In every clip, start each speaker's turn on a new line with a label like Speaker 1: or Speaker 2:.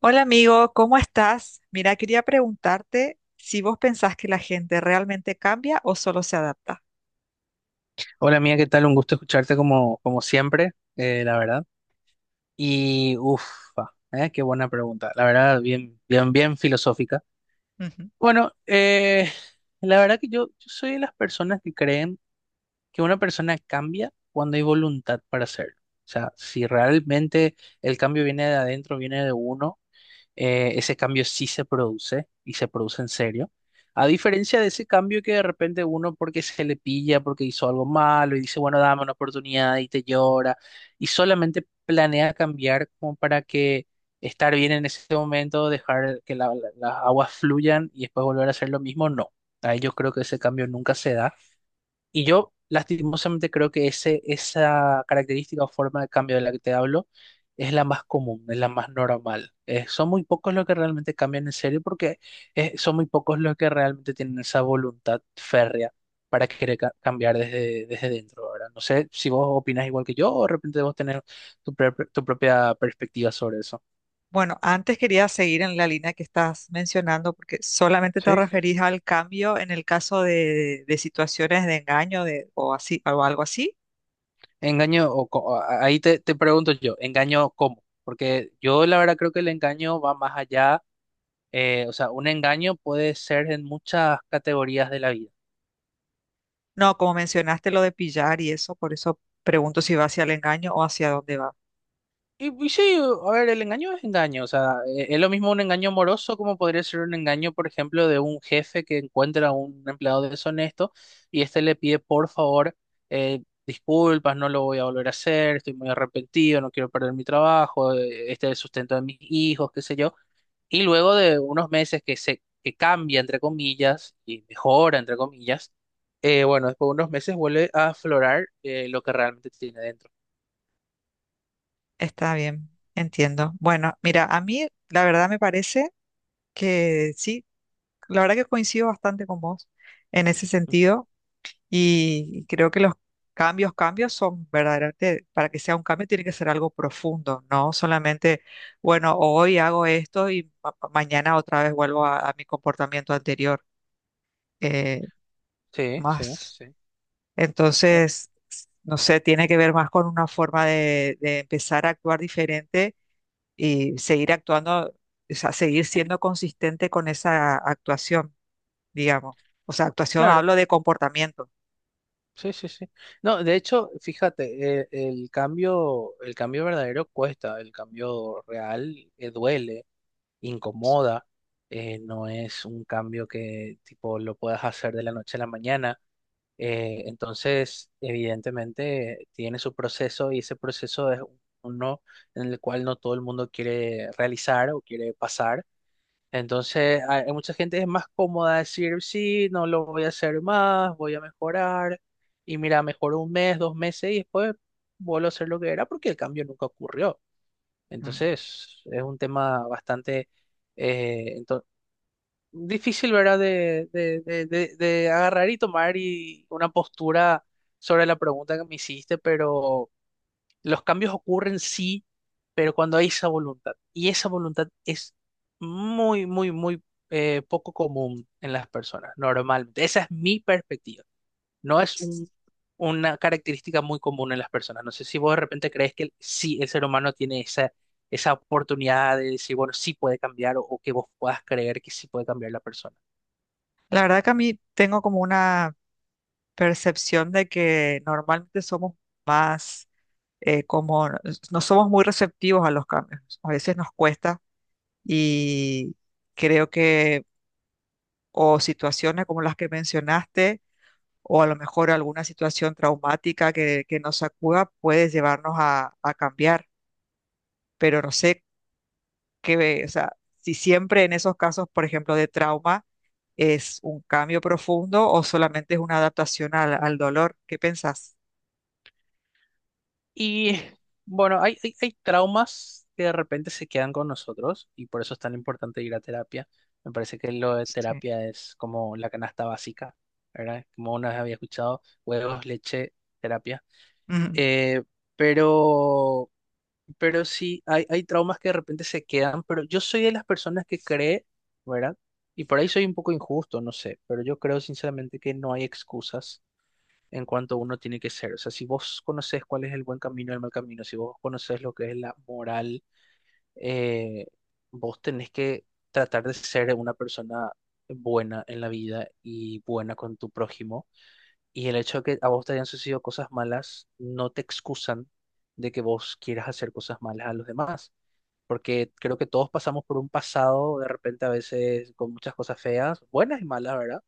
Speaker 1: Hola amigo, ¿cómo estás? Mira, quería preguntarte si vos pensás que la gente realmente cambia o solo se adapta.
Speaker 2: Hola mía, ¿qué tal? Un gusto escucharte como siempre, la verdad. Y ufa, qué buena pregunta. La verdad, bien filosófica.
Speaker 1: Ujú.
Speaker 2: Bueno, la verdad que yo soy de las personas que creen que una persona cambia cuando hay voluntad para hacerlo. O sea, si realmente el cambio viene de adentro, viene de uno, ese cambio sí se produce y se produce en serio. A diferencia de ese cambio que de repente uno porque se le pilla, porque hizo algo malo y dice, bueno, dame una oportunidad y te llora y solamente planea cambiar como para que estar bien en ese momento, dejar que las aguas fluyan y después volver a hacer lo mismo, no. Ahí yo creo que ese cambio nunca se da. Y yo lastimosamente creo que esa característica o forma de cambio de la que te hablo es la más común, es la más normal. Son muy pocos los que realmente cambian en serio porque son muy pocos los que realmente tienen esa voluntad férrea para querer cambiar desde dentro, ¿verdad? No sé si vos opinás igual que yo o de repente vos tenés tu propia perspectiva sobre eso.
Speaker 1: Bueno, antes quería seguir en la línea que estás mencionando porque solamente te
Speaker 2: Sí, sí,
Speaker 1: referís
Speaker 2: sí.
Speaker 1: al cambio en el caso de situaciones de engaño de, o así, o algo así.
Speaker 2: Engaño, ahí te pregunto yo, ¿engaño cómo? Porque yo la verdad creo que el engaño va más allá. O sea, un engaño puede ser en muchas categorías de la vida.
Speaker 1: No, como mencionaste lo de pillar y eso, por eso pregunto si va hacia el engaño o hacia dónde va.
Speaker 2: Y sí, a ver, el engaño es engaño. O sea, es lo mismo un engaño amoroso como podría ser un engaño, por ejemplo, de un jefe que encuentra a un empleado deshonesto y este le pide, por favor, eh, disculpas, no lo voy a volver a hacer, estoy muy arrepentido, no quiero perder mi trabajo, este es el sustento de mis hijos, qué sé yo. Y luego de unos meses que cambia, entre comillas, y mejora, entre comillas, bueno, después de unos meses vuelve a aflorar lo que realmente tiene dentro.
Speaker 1: Está bien, entiendo. Bueno, mira, a mí la verdad me parece que sí, la verdad que coincido bastante con vos en ese
Speaker 2: Ujú.
Speaker 1: sentido, y creo que los cambios son verdaderamente, para que sea un cambio tiene que ser algo profundo, no solamente, bueno, hoy hago esto y mañana otra vez vuelvo a mi comportamiento anterior. Eh,
Speaker 2: Sí, sí,
Speaker 1: más
Speaker 2: sí. Bueno,
Speaker 1: Entonces, no sé, tiene que ver más con una forma de empezar a actuar diferente y seguir actuando, o sea, seguir siendo consistente con esa actuación, digamos. O sea, actuación
Speaker 2: claro,
Speaker 1: hablo de comportamiento.
Speaker 2: sí, sí, sí. No, de hecho, fíjate, el cambio verdadero cuesta, el cambio real, duele, incomoda, no es un cambio que tipo lo puedas hacer de la noche a la mañana. Entonces, evidentemente, tiene su proceso y ese proceso es uno en el cual no todo el mundo quiere realizar o quiere pasar. Entonces, hay mucha gente que es más cómoda decir, sí, no lo voy a hacer más, voy a mejorar. Y mira, mejoró un mes, dos meses y después vuelvo a hacer lo que era porque el cambio nunca ocurrió.
Speaker 1: Mm.
Speaker 2: Entonces, es un tema bastante, eh, difícil, ¿verdad? De, de agarrar y tomar y una postura sobre la pregunta que me hiciste, pero los cambios ocurren sí, pero cuando hay esa voluntad. Y esa voluntad es muy, muy, muy, poco común en las personas, normalmente. Esa es mi perspectiva. No es una característica muy común en las personas. No sé si vos de repente crees que sí, el ser humano tiene esa esa oportunidad de decir, bueno, sí puede cambiar o que vos puedas creer que sí puede cambiar la persona.
Speaker 1: La verdad que a mí tengo como una percepción de que normalmente somos más eh, como, no somos muy receptivos a los cambios. A veces nos cuesta y creo que o situaciones como las que mencionaste, o a lo mejor alguna situación traumática que nos sacuda puede llevarnos a cambiar. Pero no sé qué, o sea, si siempre en esos casos, por ejemplo, de trauma, es un cambio profundo o solamente es una adaptación al dolor. ¿Qué pensás?
Speaker 2: Y bueno, hay traumas que de repente se quedan con nosotros y por eso es tan importante ir a terapia. Me parece que lo de
Speaker 1: Sí.
Speaker 2: terapia es como la canasta básica, ¿verdad? Como una vez había escuchado, huevos, leche, terapia.
Speaker 1: Ujú.
Speaker 2: Eh, pero, pero sí, hay traumas que de repente se quedan, pero yo soy de las personas que cree, ¿verdad? Y por ahí soy un poco injusto, no sé, pero yo creo sinceramente que no hay excusas en cuanto uno tiene que ser. O sea, si vos conoces cuál es el buen camino y el mal camino, si vos conoces lo que es la moral, eh, vos tenés que tratar de ser una persona buena en la vida y buena con tu prójimo. Y el hecho de que a vos te hayan sucedido cosas malas no te excusan de que vos quieras hacer cosas malas a los demás. Porque creo que todos pasamos por un pasado de repente a veces con muchas cosas feas, buenas y malas, ¿verdad?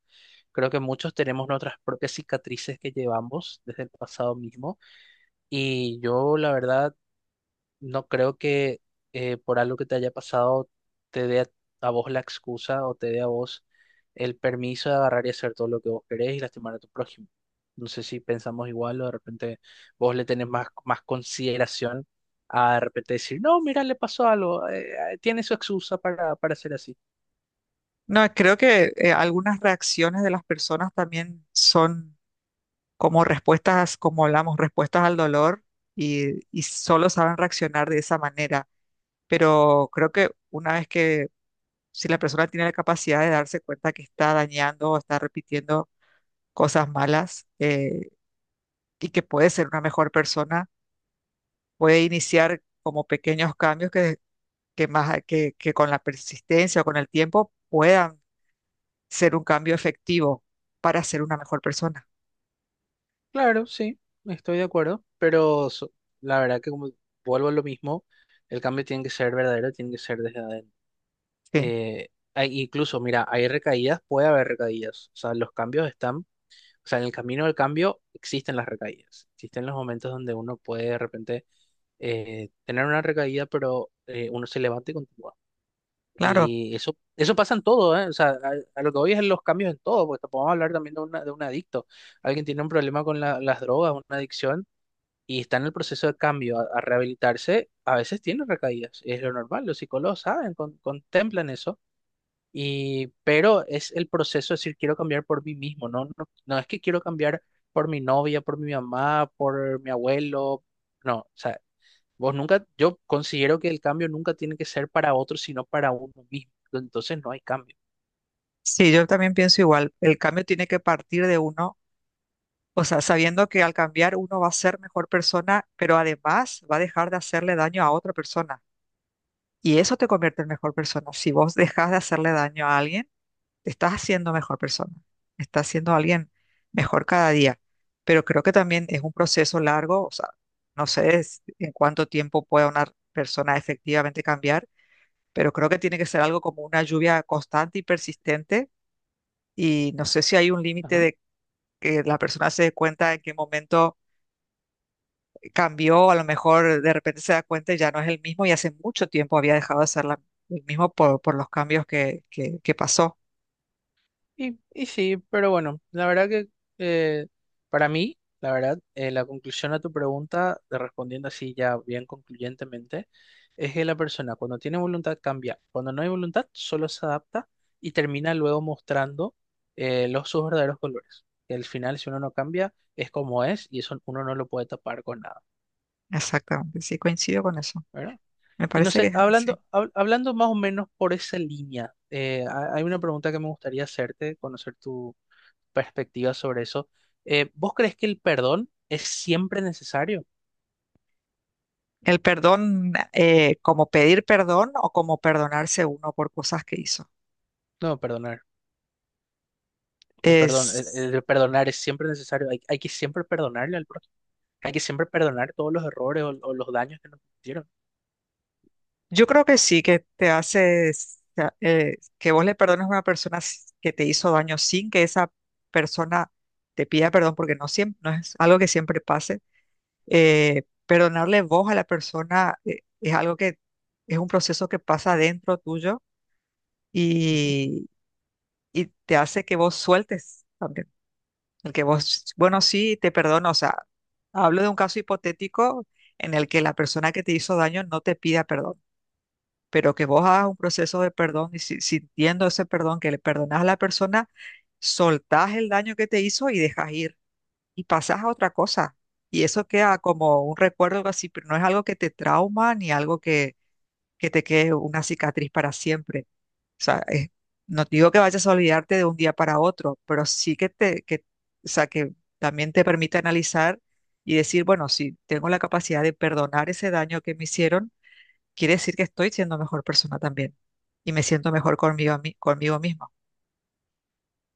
Speaker 2: Creo que muchos tenemos nuestras propias cicatrices que llevamos desde el pasado mismo y yo la verdad no creo que, por algo que te haya pasado te dé a vos la excusa o te dé a vos el permiso de agarrar y hacer todo lo que vos querés y lastimar a tu prójimo. No sé si pensamos igual o de repente vos le tenés más consideración a de repente decir, no, mira, le pasó algo, tiene su excusa para ser así.
Speaker 1: No, creo que algunas reacciones de las personas también son como respuestas, como hablamos, respuestas al dolor y solo saben reaccionar de esa manera. Pero creo que una vez que si la persona tiene la capacidad de darse cuenta que está dañando o está repitiendo cosas malas, y que puede ser una mejor persona, puede iniciar como pequeños cambios que con la persistencia o con el tiempo puedan ser un cambio efectivo para ser una mejor persona.
Speaker 2: Claro, sí, estoy de acuerdo, pero la verdad que como vuelvo a lo mismo, el cambio tiene que ser verdadero, tiene que ser desde adentro.
Speaker 1: Sí,
Speaker 2: Eh, Incluso, mira, hay recaídas, puede haber recaídas, o sea, los cambios están, o sea, en el camino del cambio existen las recaídas, existen los momentos donde uno puede de repente, tener una recaída, pero uno se levanta y continúa.
Speaker 1: claro.
Speaker 2: Y eso pasa en todo, ¿eh? O sea, a lo que voy es los cambios en todo, porque podemos hablar también de, de un adicto. Alguien tiene un problema con las drogas, una adicción y está en el proceso de cambio a rehabilitarse, a veces tiene recaídas. Es lo normal, los psicólogos saben, contemplan eso. Y pero es el proceso de decir, quiero cambiar por mí mismo. No, es que quiero cambiar por mi novia, por mi mamá, por mi abuelo. No, o sea, vos nunca, yo considero que el cambio nunca tiene que ser para otro, sino para uno mismo. Entonces no hay cambio.
Speaker 1: Sí, yo también pienso igual. El cambio tiene que partir de uno, o sea, sabiendo que al cambiar uno va a ser mejor persona, pero además va a dejar de hacerle daño a otra persona. Y eso te convierte en mejor persona. Si vos dejas de hacerle daño a alguien, te estás haciendo mejor persona. Estás siendo alguien mejor cada día. Pero creo que también es un proceso largo. O sea, no sé en cuánto tiempo pueda una persona efectivamente cambiar, pero creo que tiene que ser algo como una lluvia constante y persistente. Y no sé si hay un límite
Speaker 2: Ajá.
Speaker 1: de que la persona se dé cuenta en qué momento cambió, a lo mejor de repente se da cuenta y ya no es el mismo y hace mucho tiempo había dejado de ser el mismo por los cambios que pasó.
Speaker 2: Y sí, pero bueno, la verdad que, eh, para mí, la verdad, la conclusión a tu pregunta, de respondiendo así ya bien concluyentemente, es que la persona cuando tiene voluntad cambia, cuando no hay voluntad solo se adapta y termina luego mostrando, los sus verdaderos colores. Y al final, si uno no cambia, es como es y eso uno no lo puede tapar con nada,
Speaker 1: Exactamente, sí, coincido con eso.
Speaker 2: ¿verdad?
Speaker 1: Me
Speaker 2: Y no
Speaker 1: parece
Speaker 2: sé,
Speaker 1: que sí.
Speaker 2: hablando más o menos por esa línea, hay una pregunta que me gustaría hacerte, conocer perspectiva sobre eso. ¿Vos crees que el perdón es siempre necesario?
Speaker 1: El perdón, ¿como pedir perdón o como perdonarse uno por cosas que hizo?
Speaker 2: No, perdonar. El perdón, el,
Speaker 1: Es,
Speaker 2: el perdonar es siempre necesario. Hay que siempre perdonarle al prójimo. Hay que siempre perdonar todos los errores o los daños que nos hicieron.
Speaker 1: yo creo que sí, que te hace, que vos le perdones a una persona que te hizo daño sin que esa persona te pida perdón, porque no siempre, no es algo que siempre pase. Perdonarle vos a la persona, es algo que es un proceso que pasa dentro tuyo,
Speaker 2: Ujú.
Speaker 1: y, y te hace que vos sueltes también. El que vos, bueno, sí, te perdono. O sea, hablo de un caso hipotético en el que la persona que te hizo daño no te pida perdón, pero que vos hagas un proceso de perdón y sintiendo ese perdón que le perdonás a la persona, soltás el daño que te hizo y dejas ir y pasas a otra cosa. Y eso queda como un recuerdo algo así, pero no es algo que te trauma ni algo que te quede una cicatriz para siempre. O sea, no te digo que vayas a olvidarte de un día para otro, pero sí que o sea, que también te permite analizar y decir, bueno, si tengo la capacidad de perdonar ese daño que me hicieron, quiere decir que estoy siendo mejor persona también y me siento mejor conmigo, conmigo mismo.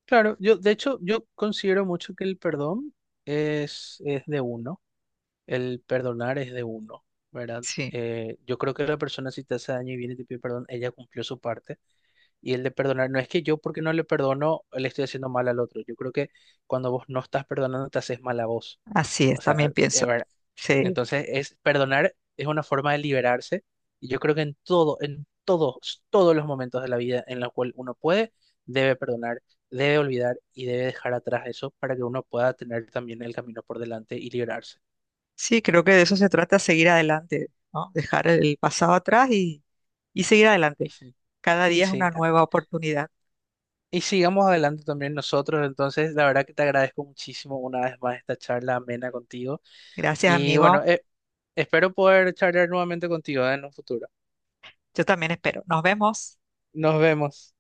Speaker 2: Claro, yo de hecho yo considero mucho que el perdón es de uno, el perdonar es de uno, ¿verdad?
Speaker 1: Sí,
Speaker 2: Yo creo que la persona si te hace daño y viene y te pide perdón, ella cumplió su parte y el de perdonar no es que yo porque no le perdono le estoy haciendo mal al otro, yo creo que cuando vos no estás perdonando te haces mal a vos,
Speaker 1: así
Speaker 2: o
Speaker 1: es,
Speaker 2: sea, a-
Speaker 1: también pienso. Sí.
Speaker 2: entonces, es perdonar es una forma de liberarse y yo creo que en todo, en todos los momentos de la vida en los cuales uno puede, debe perdonar, debe olvidar y debe dejar atrás eso para que uno pueda tener también el camino por delante y liberarse.
Speaker 1: Sí, creo que de eso se trata, seguir adelante, ¿no? Dejar el pasado atrás y seguir
Speaker 2: Y
Speaker 1: adelante.
Speaker 2: sí,
Speaker 1: Cada
Speaker 2: y
Speaker 1: día es una
Speaker 2: sí, a-
Speaker 1: nueva oportunidad.
Speaker 2: y sigamos adelante también nosotros. Entonces, la verdad que te agradezco muchísimo una vez más esta charla amena contigo
Speaker 1: Gracias,
Speaker 2: y bueno,
Speaker 1: amigo.
Speaker 2: espero poder charlar nuevamente contigo, en un futuro.
Speaker 1: Yo también espero. Nos vemos.
Speaker 2: Nos vemos.